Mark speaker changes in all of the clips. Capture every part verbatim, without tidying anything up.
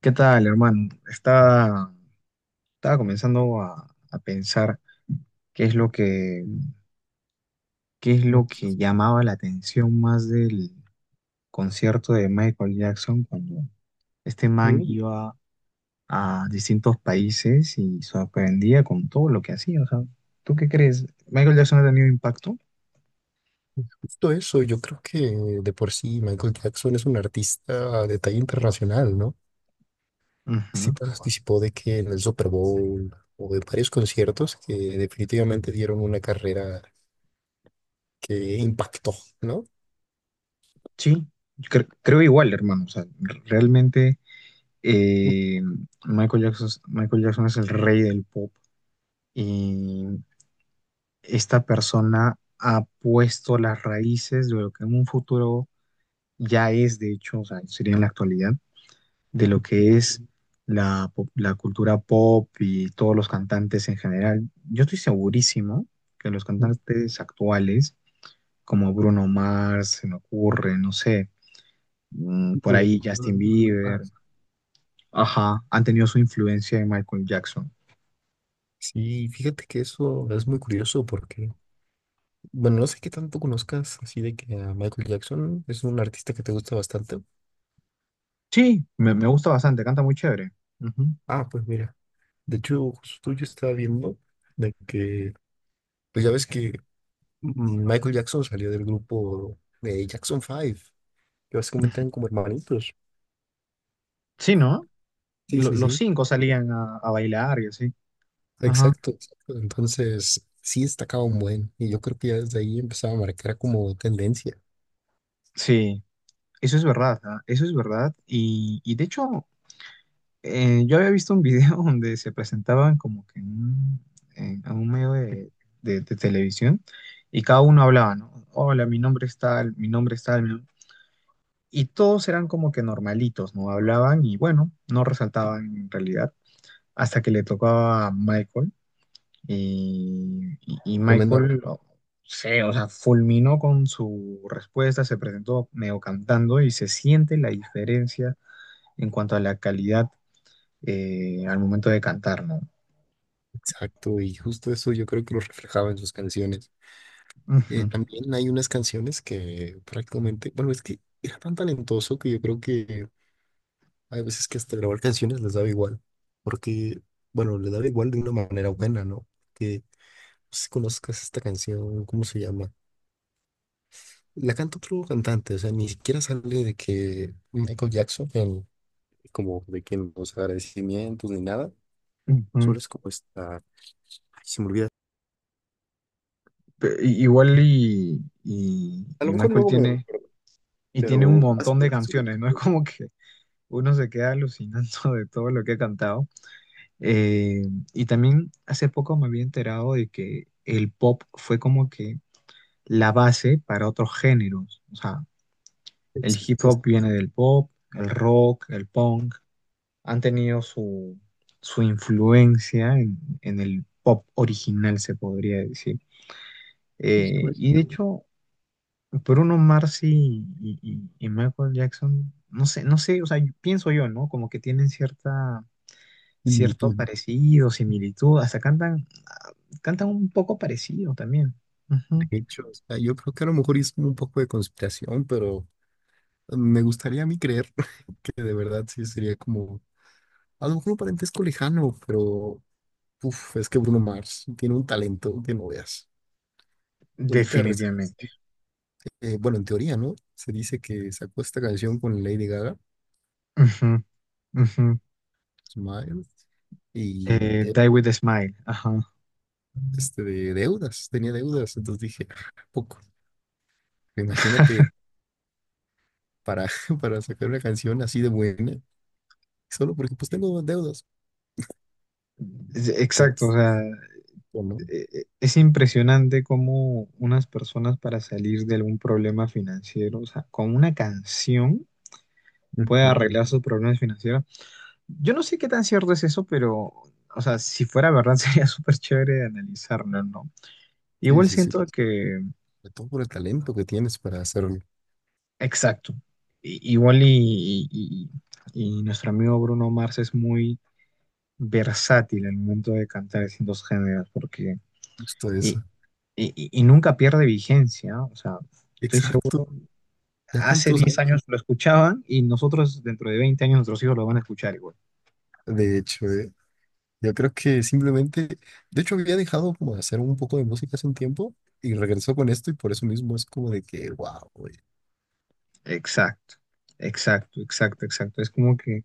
Speaker 1: ¿Qué tal, hermano? Estaba, estaba comenzando a, a pensar qué es lo que, qué es
Speaker 2: Ok,
Speaker 1: lo que llamaba la atención más del concierto de Michael Jackson cuando este man
Speaker 2: es
Speaker 1: iba a distintos países y sorprendía con todo lo que hacía. O sea, ¿tú qué crees? ¿Michael Jackson ha tenido impacto?
Speaker 2: justo eso, yo creo que de por sí Michael Jackson es un artista de talla internacional, ¿no? Sí
Speaker 1: Ujú.
Speaker 2: participó de que en el Super Bowl o de varios conciertos que definitivamente dieron una carrera que impactó, ¿no?
Speaker 1: Sí, cre- creo igual, hermano. O sea, r- realmente eh, Michael Jackson, Michael Jackson es el rey del pop. Y esta persona ha puesto las raíces de lo que en un futuro ya es, de hecho, o sea, sería en la actualidad, de lo que es la, pop- la cultura pop y todos los cantantes en general. Yo estoy segurísimo que los
Speaker 2: Ujú.
Speaker 1: cantantes actuales, como Bruno Mars, se me ocurre, no sé, mm, por
Speaker 2: Tipo de-
Speaker 1: ahí Justin Bieber, ajá, han tenido su influencia en Michael Jackson.
Speaker 2: Sí, fíjate que eso es muy curioso porque, bueno, no sé qué tanto conozcas así de que a Michael Jackson es un artista que te gusta bastante.
Speaker 1: Sí, me, me gusta bastante, canta muy chévere. Ujú.
Speaker 2: Ah, pues mira, de hecho, justo yo estaba viendo de que... Pues ya ves que mm, Michael Jackson salió del grupo de Jackson Five, que básicamente eran como hermanitos.
Speaker 1: Sí, ¿no?
Speaker 2: Sí,
Speaker 1: lo-
Speaker 2: sí,
Speaker 1: los
Speaker 2: sí.
Speaker 1: cinco salían a, a bailar y así. Ajá.
Speaker 2: Exacto, exacto. Entonces, sí destacaba un buen, y yo creo que ya desde ahí empezaba a marcar como tendencia.
Speaker 1: Sí, eso es verdad, ¿ah? Eso es verdad. Y, y de hecho, eh, yo había visto un video donde se presentaban como que en un, en- a un medio de, de- de televisión y cada uno hablaba, ¿no? Hola, mi nombre es tal, mi nombre es tal. Mi nom-". Y todos eran como que normalitos, ¿no? Hablaban y bueno, no resaltaban en realidad hasta que le tocaba a Michael. Y, y- y
Speaker 2: Tremenda voz.
Speaker 1: Michael, no sé, o sea, fulminó con su respuesta, se presentó medio cantando y se siente la diferencia en cuanto a la calidad eh, al momento de cantar, ¿no?
Speaker 2: Exacto, y justo eso yo creo que lo reflejaba en sus canciones. Eh,
Speaker 1: Ujú,
Speaker 2: también hay unas canciones que prácticamente, bueno, es que era tan talentoso que yo creo que hay veces que hasta grabar canciones les daba igual, porque, bueno, les daba igual de una manera buena, ¿no? Que si conozcas esta canción, ¿cómo se llama? La canta otro cantante, o sea, ni siquiera sale de que Michael Jackson, en- como de que en los agradecimientos ni nada,
Speaker 1: ujú.
Speaker 2: solo es como esta, ay, se me olvida.
Speaker 1: Pe- i- Igual y, y,
Speaker 2: A lo
Speaker 1: y
Speaker 2: mejor
Speaker 1: Michael
Speaker 2: luego me,
Speaker 1: tiene, y tiene un
Speaker 2: pero hace
Speaker 1: montón de
Speaker 2: cuánto se me-
Speaker 1: canciones, ¿no? Es como que uno se queda alucinando de todo lo que ha cantado. Eh, y también hace poco me había enterado de que el pop fue como que la base para otros géneros. O sea, el hip
Speaker 2: exacto, es
Speaker 1: hop viene del pop, el rock, el punk, han tenido su, su influencia en, en el pop original, se podría decir.
Speaker 2: justo
Speaker 1: Eh,
Speaker 2: en
Speaker 1: y de hecho, Bruno Mars y, y- y- y Michael Jackson, no sé, no sé, o sea, yo- pienso yo, ¿no? Como que tienen cierta, cierto
Speaker 2: magnitud.
Speaker 1: parecido, similitud, hasta cantan, ah, cantan un poco parecido también.
Speaker 2: De
Speaker 1: Ujú.
Speaker 2: hecho, o sea, yo creo que a lo mejor es como un poco de conspiración, pero me gustaría a mí creer que de verdad sí sería como, a lo mejor un parentesco lejano, pero... Uf, es que Bruno Mars tiene un talento que no veas. Ahorita, reci-
Speaker 1: Definitivamente.
Speaker 2: eh, bueno, en teoría, ¿no? Se dice que sacó esta canción con Lady Gaga,
Speaker 1: Ujú, ujú.
Speaker 2: Smile, y
Speaker 1: Eh,
Speaker 2: eh,
Speaker 1: Die with a Smile, ajá.
Speaker 2: este de deudas, tenía deudas. Entonces dije: "Ah, poco. Imagínate para, para sacar una canción así de buena, solo porque pues tengo deudas".
Speaker 1: Es-
Speaker 2: O sea,
Speaker 1: Exacto, o
Speaker 2: es-
Speaker 1: sea,
Speaker 2: o no.
Speaker 1: e- e- es impresionante cómo unas personas para salir de algún problema financiero, o sea, con una canción puede
Speaker 2: Ujú.
Speaker 1: arreglar sus problemas financieros. Yo no sé qué tan cierto es eso, pero, o sea, si fuera verdad sería súper chévere de analizarlo, ¿no?
Speaker 2: Sí,
Speaker 1: Igual
Speaker 2: sí, sí.
Speaker 1: siento que,
Speaker 2: Sobre todo por el talento que tienes para hacerlo.
Speaker 1: exacto, I- igual y, y- y- y nuestro amigo Bruno Mars es muy versátil al momento de cantar distintos géneros, porque...
Speaker 2: Justo
Speaker 1: Y
Speaker 2: eso.
Speaker 1: y, y- y nunca pierde vigencia, ¿no? O sea, estoy
Speaker 2: Exacto.
Speaker 1: seguro,
Speaker 2: ¿Ya
Speaker 1: hace
Speaker 2: cuántos
Speaker 1: diez
Speaker 2: años?
Speaker 1: años lo escuchaban y nosotros dentro de veinte años nuestros hijos lo van a escuchar igual.
Speaker 2: De hecho, ¿eh? Yo creo que simplemente, de hecho había dejado como de hacer un poco de música hace un tiempo y regresó con esto y por eso mismo es como de que, wow, güey.
Speaker 1: Exacto, exacto, exacto, exacto. Es como que,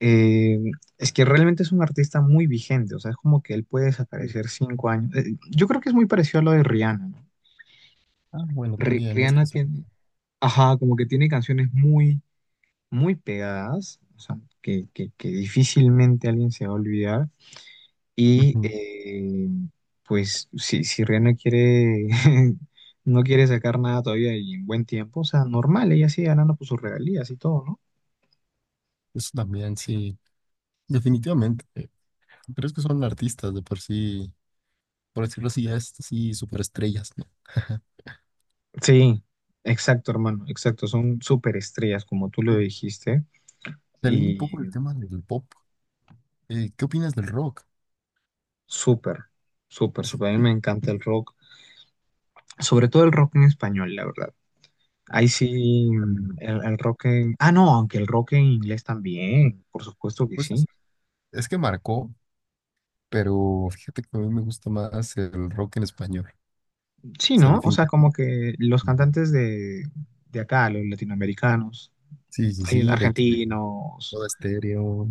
Speaker 1: eh, es que realmente es un artista muy vigente, o sea, es como que él puede desaparecer cinco años. Eh, yo creo que es muy parecido a lo de Rihanna, ¿no?
Speaker 2: Ah, bueno,
Speaker 1: Ri-
Speaker 2: también, es que
Speaker 1: Rihanna
Speaker 2: son...
Speaker 1: tiene, ajá, como que tiene canciones muy, muy pegadas, o sea, que, que que difícilmente alguien se va a olvidar. Y
Speaker 2: Ujú.
Speaker 1: eh, pues si, si Ria no quiere, no quiere sacar nada todavía y en buen tiempo, o sea, normal, ella sigue ganando por sus regalías y todo, ¿no?
Speaker 2: Eso también, sí, definitivamente. eh, Pero es que son artistas de por sí, por decirlo así, ya es así superestrellas, ¿no?
Speaker 1: Sí, exacto, hermano, exacto. Son súper estrellas, como tú lo
Speaker 2: Mm.
Speaker 1: dijiste,
Speaker 2: Saliendo un poco
Speaker 1: y
Speaker 2: del tema del pop, eh, ¿qué opinas del rock?
Speaker 1: súper, súper, súper. A
Speaker 2: Sí,
Speaker 1: mí me encanta el rock, sobre todo el rock en español, la verdad. Ahí sí, mm,
Speaker 2: también.
Speaker 1: el, el rock en... Ah, no, aunque el rock en inglés también, por supuesto que
Speaker 2: Pues
Speaker 1: sí.
Speaker 2: es, es que marcó, pero fíjate que a mí me gusta más el rock en español.
Speaker 1: Sí,
Speaker 2: O sea,
Speaker 1: ¿no? O sea,
Speaker 2: definitivamente.
Speaker 1: como que los cantantes de, de acá, los latinoamericanos,
Speaker 2: Sí, sí,
Speaker 1: hay
Speaker 2: sí, de que
Speaker 1: argentinos.
Speaker 2: Todo Estéreo.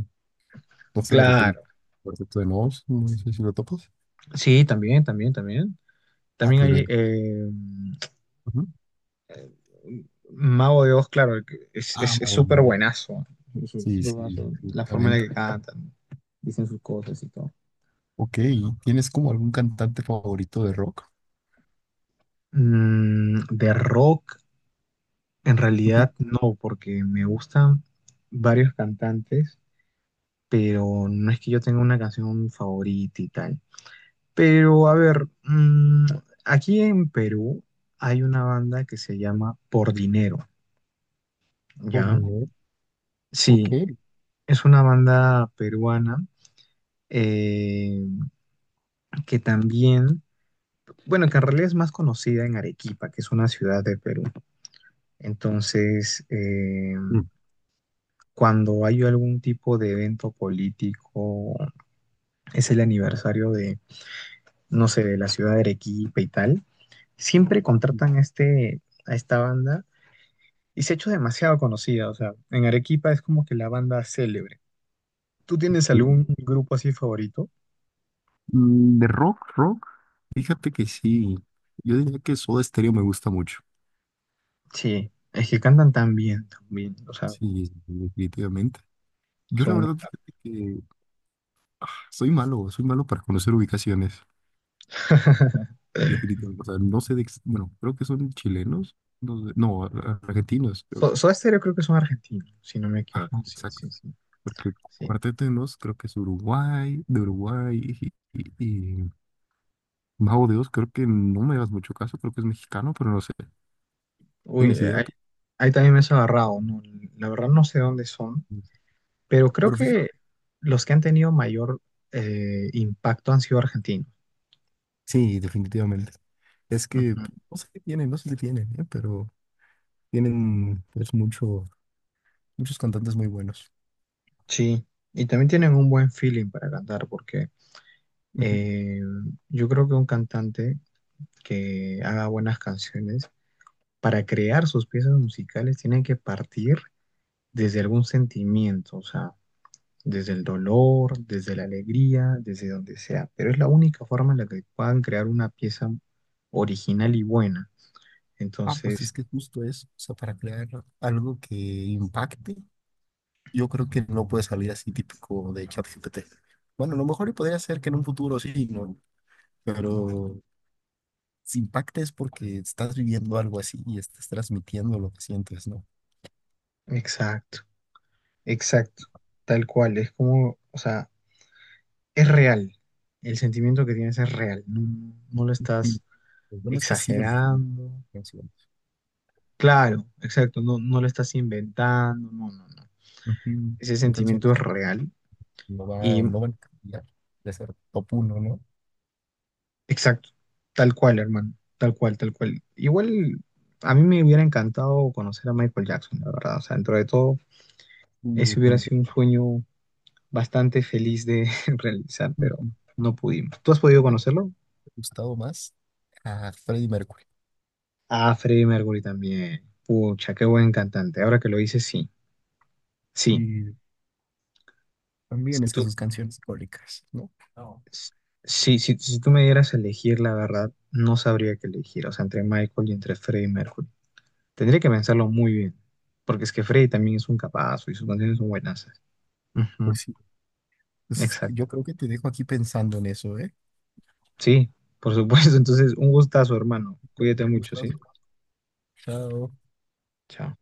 Speaker 2: No sé, de repente.
Speaker 1: Claro.
Speaker 2: Cuarteto de Nos, no sé si lo topas.
Speaker 1: Sí, también, también, también.
Speaker 2: Ah,
Speaker 1: También
Speaker 2: pues
Speaker 1: hay
Speaker 2: bien.
Speaker 1: eh,
Speaker 2: Ujú.
Speaker 1: Mago de Oz, claro, que es,
Speaker 2: Ah,
Speaker 1: es, es súper
Speaker 2: Marilyn.
Speaker 1: buenazo. Es súper
Speaker 2: Sí, sí,
Speaker 1: buenazo. La forma en
Speaker 2: definitivamente.
Speaker 1: la que cantan, dicen sus cosas y todo.
Speaker 2: Ok, ¿tienes como algún cantante favorito de rock?
Speaker 1: Mm, de rock, en
Speaker 2: Ujú.
Speaker 1: realidad no, porque me gustan varios cantantes, pero no es que yo tenga una canción favorita y tal. Pero a ver, mm, aquí en Perú hay una banda que se llama Por Dinero,
Speaker 2: Por
Speaker 1: ¿ya?
Speaker 2: ver. Ok.
Speaker 1: Sí, es una banda peruana eh, que también, bueno, que en realidad es más conocida en Arequipa, que es una ciudad de Perú. Entonces, eh,
Speaker 2: Mm,
Speaker 1: cuando hay algún tipo de evento político, es el aniversario de, no sé, de la ciudad de Arequipa y tal, siempre contratan a este, a esta banda. Y se ha hecho demasiado conocida, o sea, en Arequipa es como que la banda célebre. ¿Tú tienes
Speaker 2: sí.
Speaker 1: algún grupo así favorito?
Speaker 2: Mm, De rock, rock, fíjate que sí. Yo diría que Soda Stereo me gusta mucho.
Speaker 1: Sí, es que cantan tan bien, tan bien, o sea,
Speaker 2: Sí, sí, definitivamente. Yo la
Speaker 1: son unos
Speaker 2: verdad,
Speaker 1: capos.
Speaker 2: fíjate que ah, soy malo, soy malo para conocer ubicaciones. Definitivamente. O sea, no sé de, ex- bueno, creo que son chilenos, no, sé- no, ar- argentinos, creo.
Speaker 1: So- Soda Stereo creo que son argentinos, si no me equivoco,
Speaker 2: Ajá,
Speaker 1: sí,
Speaker 2: exacto.
Speaker 1: sí, sí,
Speaker 2: Porque
Speaker 1: sí.
Speaker 2: Cuarteto de Nos creo que es Uruguay, de Uruguay, y, y, y Mago de Oz creo que, no me hagas mucho caso, creo que es mexicano, pero no sé.
Speaker 1: Uy,
Speaker 2: ¿Tienes
Speaker 1: eh,
Speaker 2: idea
Speaker 1: ahí,
Speaker 2: tú?
Speaker 1: ahí también me has agarrado, ¿no? La verdad no sé dónde son, pero creo
Speaker 2: Pero fíjate.
Speaker 1: que los que han tenido mayor eh, impacto han sido argentinos.
Speaker 2: Sí, definitivamente. Es que
Speaker 1: Ujú.
Speaker 2: p- no sé qué tienen, no sé qué tienen, ¿eh? Pero tienen pues mucho, muchos cantantes muy buenos.
Speaker 1: Sí, y también tienen un buen feeling para cantar, porque
Speaker 2: Ujú.
Speaker 1: Eh, yo creo que un cantante que haga buenas canciones, para crear sus piezas musicales, tiene que partir desde algún sentimiento, o sea, desde el dolor, desde la alegría, desde donde sea. Pero es la única forma en la que puedan crear una pieza original y buena.
Speaker 2: Ah, pues es
Speaker 1: Entonces,
Speaker 2: que justo eso, o sea, para crear algo que impacte yo creo que no puede salir así típico de ChatGPT. Bueno, a lo mejor y podría ser que en un futuro sí, ¿no? Pero si impacta es porque estás viviendo algo así y estás transmitiendo lo que sientes, ¿no?
Speaker 1: exacto, exacto, tal cual, es como, o sea, es real. El sentimiento que tienes es real, no, no lo
Speaker 2: Mm.
Speaker 1: estás
Speaker 2: Lo bueno es que siguen siendo
Speaker 1: exagerando.
Speaker 2: canciones.
Speaker 1: Claro, exacto, no, no lo estás inventando, no, no, no.
Speaker 2: Ujú.
Speaker 1: Ese
Speaker 2: Son
Speaker 1: sentimiento
Speaker 2: canciones
Speaker 1: es
Speaker 2: que
Speaker 1: real
Speaker 2: no
Speaker 1: y
Speaker 2: van, no van a cambiar de ser top uno, ¿no?
Speaker 1: exacto, tal cual, hermano, tal cual, tal cual. Igual a mí me hubiera encantado conocer a Michael Jackson, la verdad, o sea, dentro de todo,
Speaker 2: Y
Speaker 1: ese hubiera sido un
Speaker 2: definitivamente.
Speaker 1: sueño bastante feliz de realizar, pero
Speaker 2: Ujú.
Speaker 1: no pudimos. ¿Tú has podido
Speaker 2: Siempre me
Speaker 1: conocerlo?
Speaker 2: ha gustado más a Freddie Mercury.
Speaker 1: Ah, Freddie Mercury también. Pucha, qué buen cantante. Ahora que lo dices, sí, sí.
Speaker 2: Y también es que sus canciones icónicas. ¿No? No.
Speaker 1: Sí, si, si si tú me dieras a elegir, la verdad, no sabría qué elegir, o sea, entre Michael y entre Freddie Mercury. Tendría que pensarlo muy bien, porque es que Freddie también es un capazo y sus canciones son buenas.
Speaker 2: Pues
Speaker 1: Ujú,
Speaker 2: sí, pues
Speaker 1: exacto.
Speaker 2: yo creo que te dejo aquí pensando en eso, ¿eh?
Speaker 1: Sí, por supuesto. Entonces, un gustazo, hermano. Cuídate mucho, ¿sí?
Speaker 2: Gustazo. Chao.
Speaker 1: Chao.